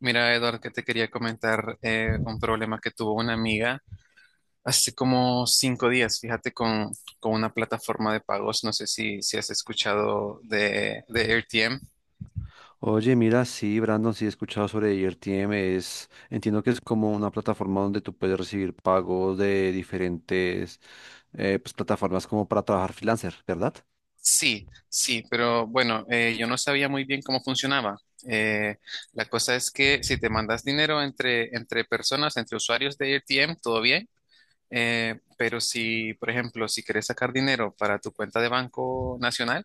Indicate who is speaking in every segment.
Speaker 1: Mira, Eduardo, que te quería comentar un problema que tuvo una amiga hace como cinco días, fíjate, con una plataforma de pagos. No sé si has escuchado de AirTM.
Speaker 2: Oye, mira, sí, Brandon, sí he escuchado sobre IRTM. Entiendo que es como una plataforma donde tú puedes recibir pagos de diferentes plataformas como para trabajar freelancer, ¿verdad?
Speaker 1: Sí, sí, pero bueno, yo no sabía muy bien cómo funcionaba. Eh, la cosa es que si te mandas dinero entre personas, entre usuarios de AirTM, todo bien. Pero si, por ejemplo, si quieres sacar dinero para tu cuenta de Banco Nacional,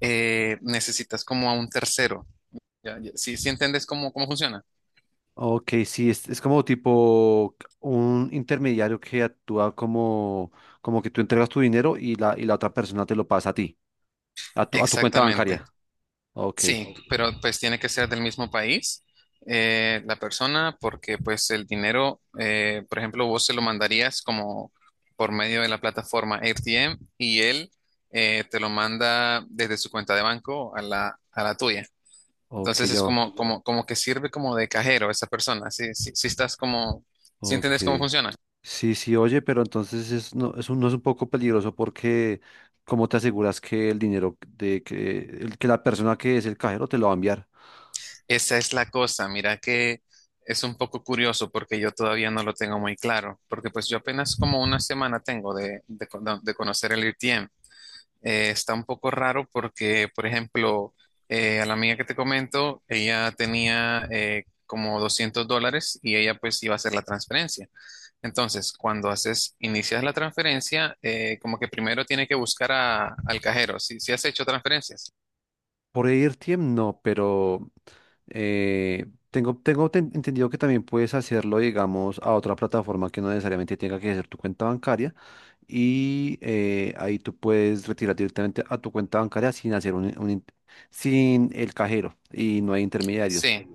Speaker 1: necesitas como a un tercero. Ya, ya. Sí, sí entiendes cómo funciona.
Speaker 2: Ok, sí, es como tipo un intermediario que actúa como, como que tú entregas tu dinero y y la otra persona te lo pasa a ti, a tu cuenta
Speaker 1: Exactamente.
Speaker 2: bancaria. Ok,
Speaker 1: Sí, pero pues tiene que ser del mismo país la persona porque pues el dinero, por ejemplo, vos se lo mandarías como por medio de la plataforma AirTM y él te lo manda desde su cuenta de banco a a la tuya.
Speaker 2: ok,
Speaker 1: Entonces es como, como, como que sirve como de cajero esa persona. Sí, sí, sí estás como, si
Speaker 2: ok.
Speaker 1: entiendes cómo funciona.
Speaker 2: Sí, sí, oye, pero entonces es no es un poco peligroso porque ¿cómo te aseguras que el dinero de que la persona que es el cajero te lo va a enviar?
Speaker 1: Esa es la cosa, mira que es un poco curioso porque yo todavía no lo tengo muy claro, porque pues yo apenas como una semana tengo de de conocer el RTM. Está un poco raro porque, por ejemplo, a la amiga que te comento, ella tenía como $200 y ella pues iba a hacer la transferencia. Entonces, cuando haces, inicias la transferencia, como que primero tiene que buscar al cajero. Si, si has hecho transferencias.
Speaker 2: Por AirTM no, pero eh, entendido que también puedes hacerlo, digamos, a otra plataforma que no necesariamente tenga que ser tu cuenta bancaria y ahí tú puedes retirar directamente a tu cuenta bancaria sin hacer sin el cajero y no hay intermediarios.
Speaker 1: Sí.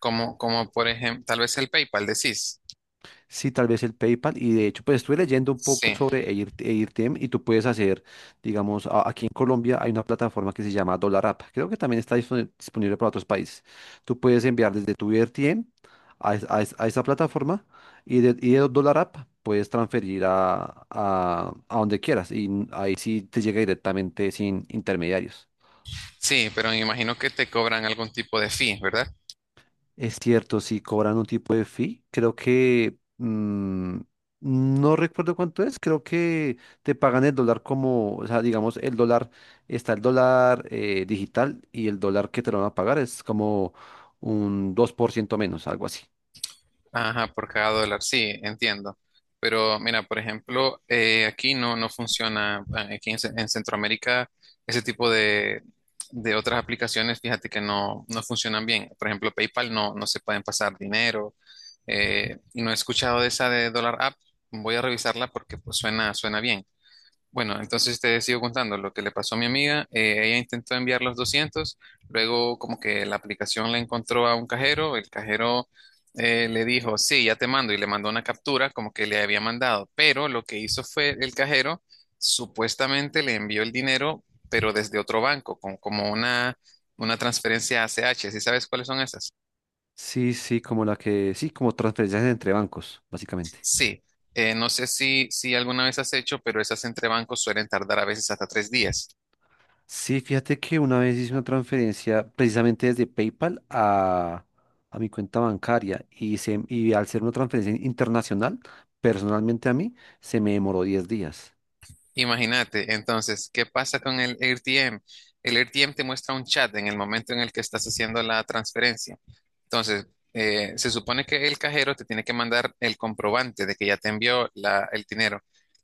Speaker 1: Como, como por ejemplo, tal vez el PayPal, decís.
Speaker 2: Sí, tal vez el PayPal. Y de hecho, pues estuve leyendo un poco
Speaker 1: Sí,
Speaker 2: sobre AirTM y tú puedes hacer, digamos, aquí en Colombia hay una plataforma que se llama Dollar App. Creo que también está disponible para otros países. Tú puedes enviar desde tu AirTM a esa plataforma y y de Dollar App puedes transferir a donde quieras. Y ahí sí te llega directamente sin intermediarios.
Speaker 1: sí, pero me imagino que te cobran algún tipo de fee, ¿verdad?
Speaker 2: Es cierto, sí, cobran un tipo de fee. Creo que no recuerdo cuánto es. Creo que te pagan el dólar como, o sea, digamos, el dólar, está el dólar digital y el dólar que te lo van a pagar es como un 2% menos, algo así.
Speaker 1: Ajá, por cada dólar, sí, entiendo. Pero mira, por ejemplo, aquí no, no funciona, aquí en, en Centroamérica, ese tipo de otras aplicaciones, fíjate que no, no funcionan bien. Por ejemplo, PayPal no, no se pueden pasar dinero. Eh, y no he escuchado de esa de Dollar App, voy a revisarla porque pues, suena, suena bien. Bueno, entonces te sigo contando lo que le pasó a mi amiga. Eh, ella intentó enviar los 200, luego como que la aplicación la encontró a un cajero, el cajero le dijo, sí, ya te mando y le mandó una captura como que le había mandado, pero lo que hizo fue el cajero supuestamente le envió el dinero, pero desde otro banco, con, como una transferencia ACH. ¿Sí sabes cuáles son esas?
Speaker 2: Sí, sí, como sí, como transferencias entre bancos, básicamente.
Speaker 1: Sí, no sé si alguna vez has hecho, pero esas entre bancos suelen tardar a veces hasta 3 días.
Speaker 2: Sí, fíjate que una vez hice una transferencia precisamente desde PayPal a mi cuenta bancaria y al ser una transferencia internacional, personalmente a mí, se me demoró 10 días.
Speaker 1: Imagínate, entonces, ¿qué pasa con el AirTM? El AirTM te muestra un chat en el momento en el que estás haciendo la transferencia. Entonces, se supone que el cajero te tiene que mandar el comprobante de que ya te envió el dinero.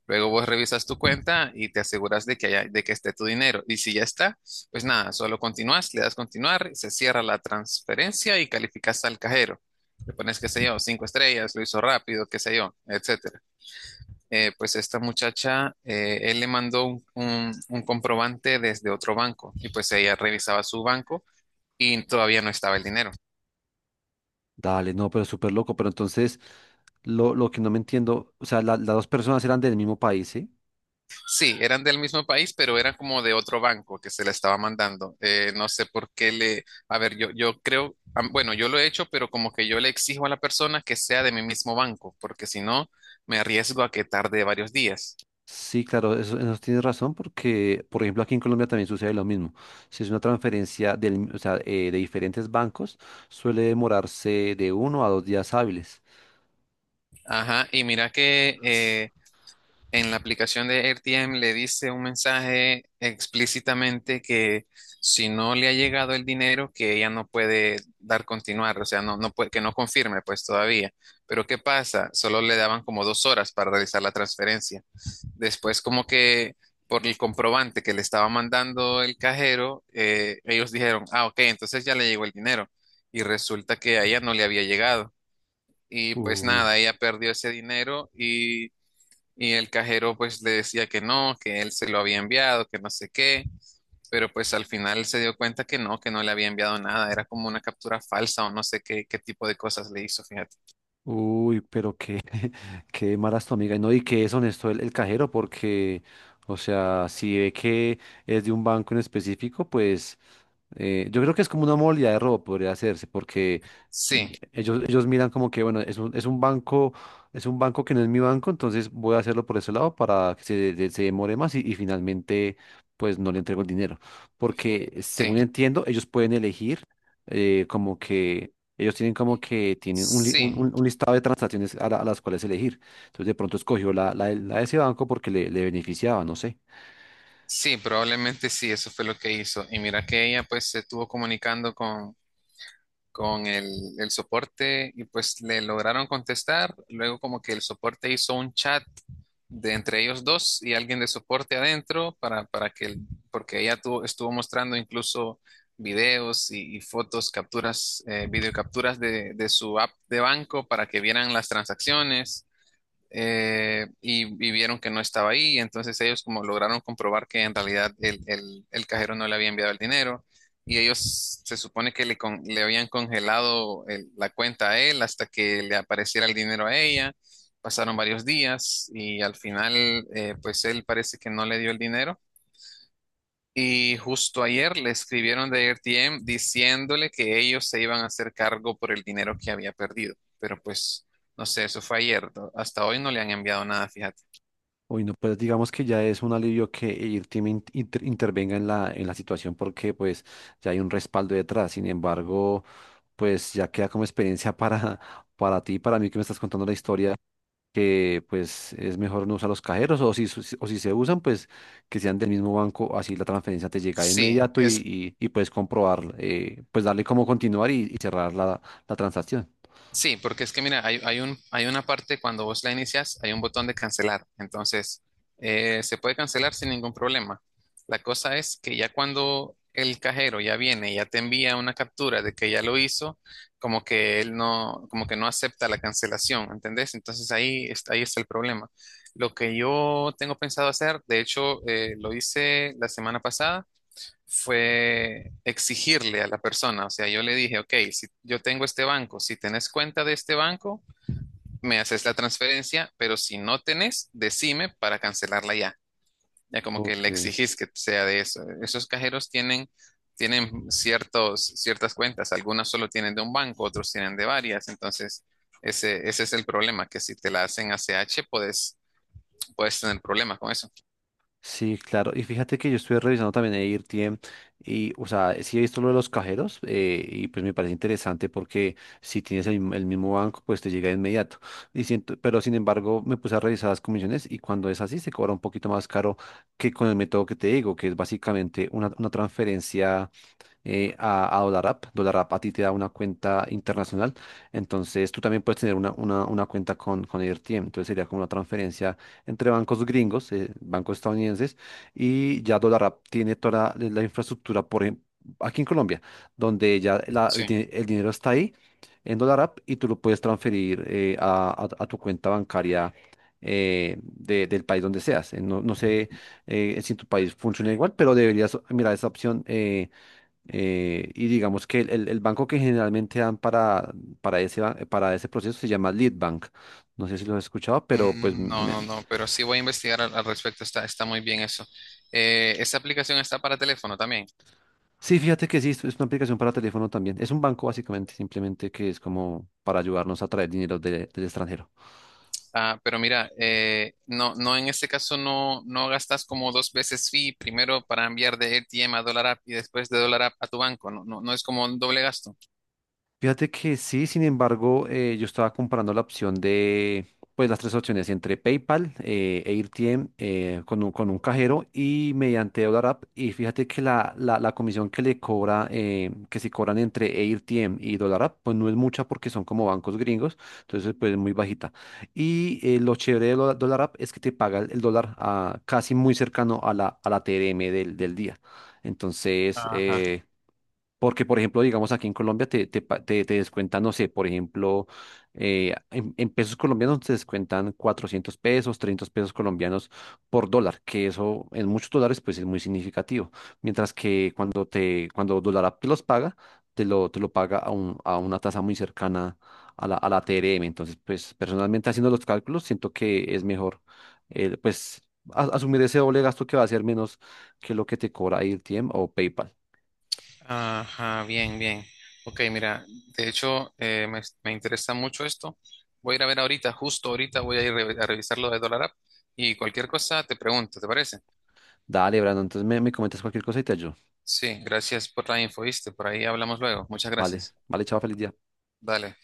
Speaker 1: Luego vos revisas tu cuenta y te aseguras de que de que esté tu dinero. Y si ya está, pues nada, solo continúas, le das continuar, se cierra la transferencia y calificas al cajero. Le pones, qué sé yo, 5 estrellas, lo hizo rápido, qué sé yo, etc. Eh, pues esta muchacha, él le mandó un, un comprobante desde otro banco y pues ella revisaba su banco y todavía no estaba el dinero.
Speaker 2: Dale, no, pero súper loco. Pero entonces, lo que no me entiendo, o sea, las dos personas eran del mismo país, ¿sí?
Speaker 1: Sí, eran del mismo país, pero eran como de otro banco que se le estaba mandando. No sé por qué le... A ver, yo creo, bueno, yo lo he hecho, pero como que yo le exijo a la persona que sea de mi mismo banco, porque si no, me arriesgo a que tarde varios días.
Speaker 2: Sí, claro, eso tienes razón porque, por ejemplo, aquí en Colombia también sucede lo mismo. Si es una transferencia de diferentes bancos, suele demorarse de uno a dos días hábiles.
Speaker 1: Ajá, y mira que en la aplicación de AirTM le dice un mensaje explícitamente que si no le ha llegado el dinero, que ella no puede dar continuar, o sea, no, no puede, que no confirme pues todavía. Pero ¿qué pasa? Solo le daban como 2 horas para realizar la transferencia. Después como que por el comprobante que le estaba mandando el cajero, ellos dijeron, ah, ok, entonces ya le llegó el dinero. Y resulta que a ella no le había llegado. Y pues
Speaker 2: Uy.
Speaker 1: nada, ella perdió ese dinero y el cajero pues le decía que no, que él se lo había enviado, que no sé qué, pero pues al final se dio cuenta que no le había enviado nada, era como una captura falsa o no sé qué, qué tipo de cosas le hizo, fíjate.
Speaker 2: Uy, pero qué, qué mala es tu amiga. Y no, y que es honesto el cajero, porque, o sea, si ve que es de un banco en específico, pues yo creo que es como una modalidad de robo, podría hacerse, porque mm,
Speaker 1: Sí,
Speaker 2: ellos miran como que, bueno, es un banco que no es mi banco, entonces voy a hacerlo por ese lado para que se demore más y finalmente, pues no le entrego el dinero. Porque,
Speaker 1: sí,
Speaker 2: según entiendo, ellos pueden elegir como que... Ellos tienen como que tienen un, li-
Speaker 1: sí,
Speaker 2: un listado de transacciones a las cuales elegir. Entonces de pronto escogió de la de ese banco porque le beneficiaba, no sé.
Speaker 1: sí, probablemente sí, eso fue lo que hizo. Y mira que ella pues se estuvo comunicando con el soporte y pues le lograron contestar. Luego como que el soporte hizo un chat de entre ellos dos y alguien de soporte adentro para que, porque ella estuvo mostrando incluso videos y fotos, capturas, videocapturas de su app de banco para que vieran las transacciones y vieron que no estaba ahí, entonces ellos como lograron comprobar que en realidad el, el cajero no le había enviado el dinero y ellos se supone que le, le habían congelado la cuenta a él hasta que le apareciera el dinero a ella. Pasaron varios días y al final pues él parece que no le dio el dinero y justo ayer le escribieron de ARTM diciéndole que ellos se iban a hacer cargo por el dinero que había perdido. Pero pues, no sé, eso fue ayer, ¿no? Hasta hoy no le han enviado nada, fíjate.
Speaker 2: Uy, no, pues digamos que ya es un alivio que el team intervenga en en la situación porque pues ya hay un respaldo detrás. Sin embargo, pues ya queda como experiencia para ti, para mí que me estás contando la historia, que pues es mejor no usar los cajeros o si se usan, pues que sean del mismo banco, así la transferencia te llega de
Speaker 1: Sí,
Speaker 2: inmediato
Speaker 1: es...
Speaker 2: y puedes comprobar, pues darle cómo continuar y cerrar la transacción.
Speaker 1: Sí, porque es que mira, hay un, hay una parte cuando vos la inicias, hay un botón de cancelar. Entonces, se puede cancelar sin ningún problema. La cosa es que ya cuando el cajero ya viene, y ya te envía una captura de que ya lo hizo, como que él no, como que no acepta la cancelación, ¿entendés? Entonces ahí está el problema. Lo que yo tengo pensado hacer, de hecho, lo hice la semana pasada fue exigirle a la persona, o sea, yo le dije, ok, si yo tengo este banco, si tenés cuenta de este banco, me haces la transferencia, pero si no tenés, decime para cancelarla ya. Ya como que le
Speaker 2: Ok.
Speaker 1: exigís que sea de eso. Esos cajeros tienen, tienen ciertos, ciertas cuentas, algunas solo tienen de un banco, otros tienen de varias, entonces ese es el problema, que si te la hacen ACH, puedes, puedes tener problemas con eso.
Speaker 2: Sí, claro. Y fíjate que yo estuve revisando también AirTM y, o sea, sí he visto lo de los cajeros y pues me parece interesante porque si tienes el mismo banco, pues te llega de inmediato. Y siento, pero sin embargo, me puse a revisar las comisiones y cuando es así se cobra un poquito más caro que con el método que te digo, que es básicamente una transferencia a DolarApp. DolarApp a ti te da una cuenta internacional. Entonces tú también puedes tener una cuenta con AirTM. Entonces sería como una transferencia entre bancos gringos, bancos estadounidenses, y ya DolarApp tiene toda la infraestructura, por ejemplo, aquí en Colombia, donde ya
Speaker 1: Sí.
Speaker 2: el dinero está ahí en dólar app y tú lo puedes transferir a tu cuenta bancaria del país donde seas. No, no sé si en tu país funciona igual, pero deberías mirar esa opción. Y digamos que el banco que generalmente dan para ese, para ese proceso se llama Leadbank. No sé si lo has escuchado, pero pues
Speaker 1: Mm, no,
Speaker 2: me-
Speaker 1: no, no, pero sí voy a investigar al respecto, está, está muy bien eso. Esa aplicación está para teléfono también.
Speaker 2: sí, fíjate que sí, es una aplicación para teléfono también. Es un banco básicamente, simplemente que es como para ayudarnos a traer dinero del extranjero.
Speaker 1: Ah, pero mira, no, no, en este caso no, no gastas como dos veces fee, primero para enviar de ATM a Dollar App y después de Dollar App a tu banco, no, no, no es como un doble gasto.
Speaker 2: Fíjate que sí, sin embargo, yo estaba comparando la opción de, pues las tres opciones entre PayPal, e AirTM, con con un cajero y mediante Dollar App. Y fíjate que la comisión que le cobra, que si cobran entre AirTM y Dollar App, pues no es mucha porque son como bancos gringos, entonces pues es muy bajita. Y lo chévere de Dollar App es que te paga el dólar ah, casi muy cercano a a la TRM del día. Entonces,
Speaker 1: Ajá,
Speaker 2: porque, por ejemplo, digamos aquí en Colombia te descuentan, no sé, por ejemplo, en pesos colombianos te descuentan 400 pesos, 300 pesos colombianos por dólar, que eso en muchos dólares pues es muy significativo. Mientras que cuando Dólar te los paga, te lo paga a, a una tasa muy cercana a a la TRM. Entonces, pues personalmente haciendo los cálculos, siento que es mejor eh, pues asumir ese doble gasto que va a ser menos que lo que te cobra AirTM o PayPal.
Speaker 1: ajá, bien, bien. Ok, mira, de hecho, me, me interesa mucho esto. Voy a ir a ver ahorita, justo ahorita voy a ir a revisar lo de Dollar App y cualquier cosa te pregunto, ¿te parece?
Speaker 2: Dale, Brandon, entonces me comentas cualquier cosa y te ayudo.
Speaker 1: Sí, gracias por la info, ¿viste? Por ahí hablamos luego. Muchas
Speaker 2: Vale,
Speaker 1: gracias.
Speaker 2: vale, chao, feliz día.
Speaker 1: Dale.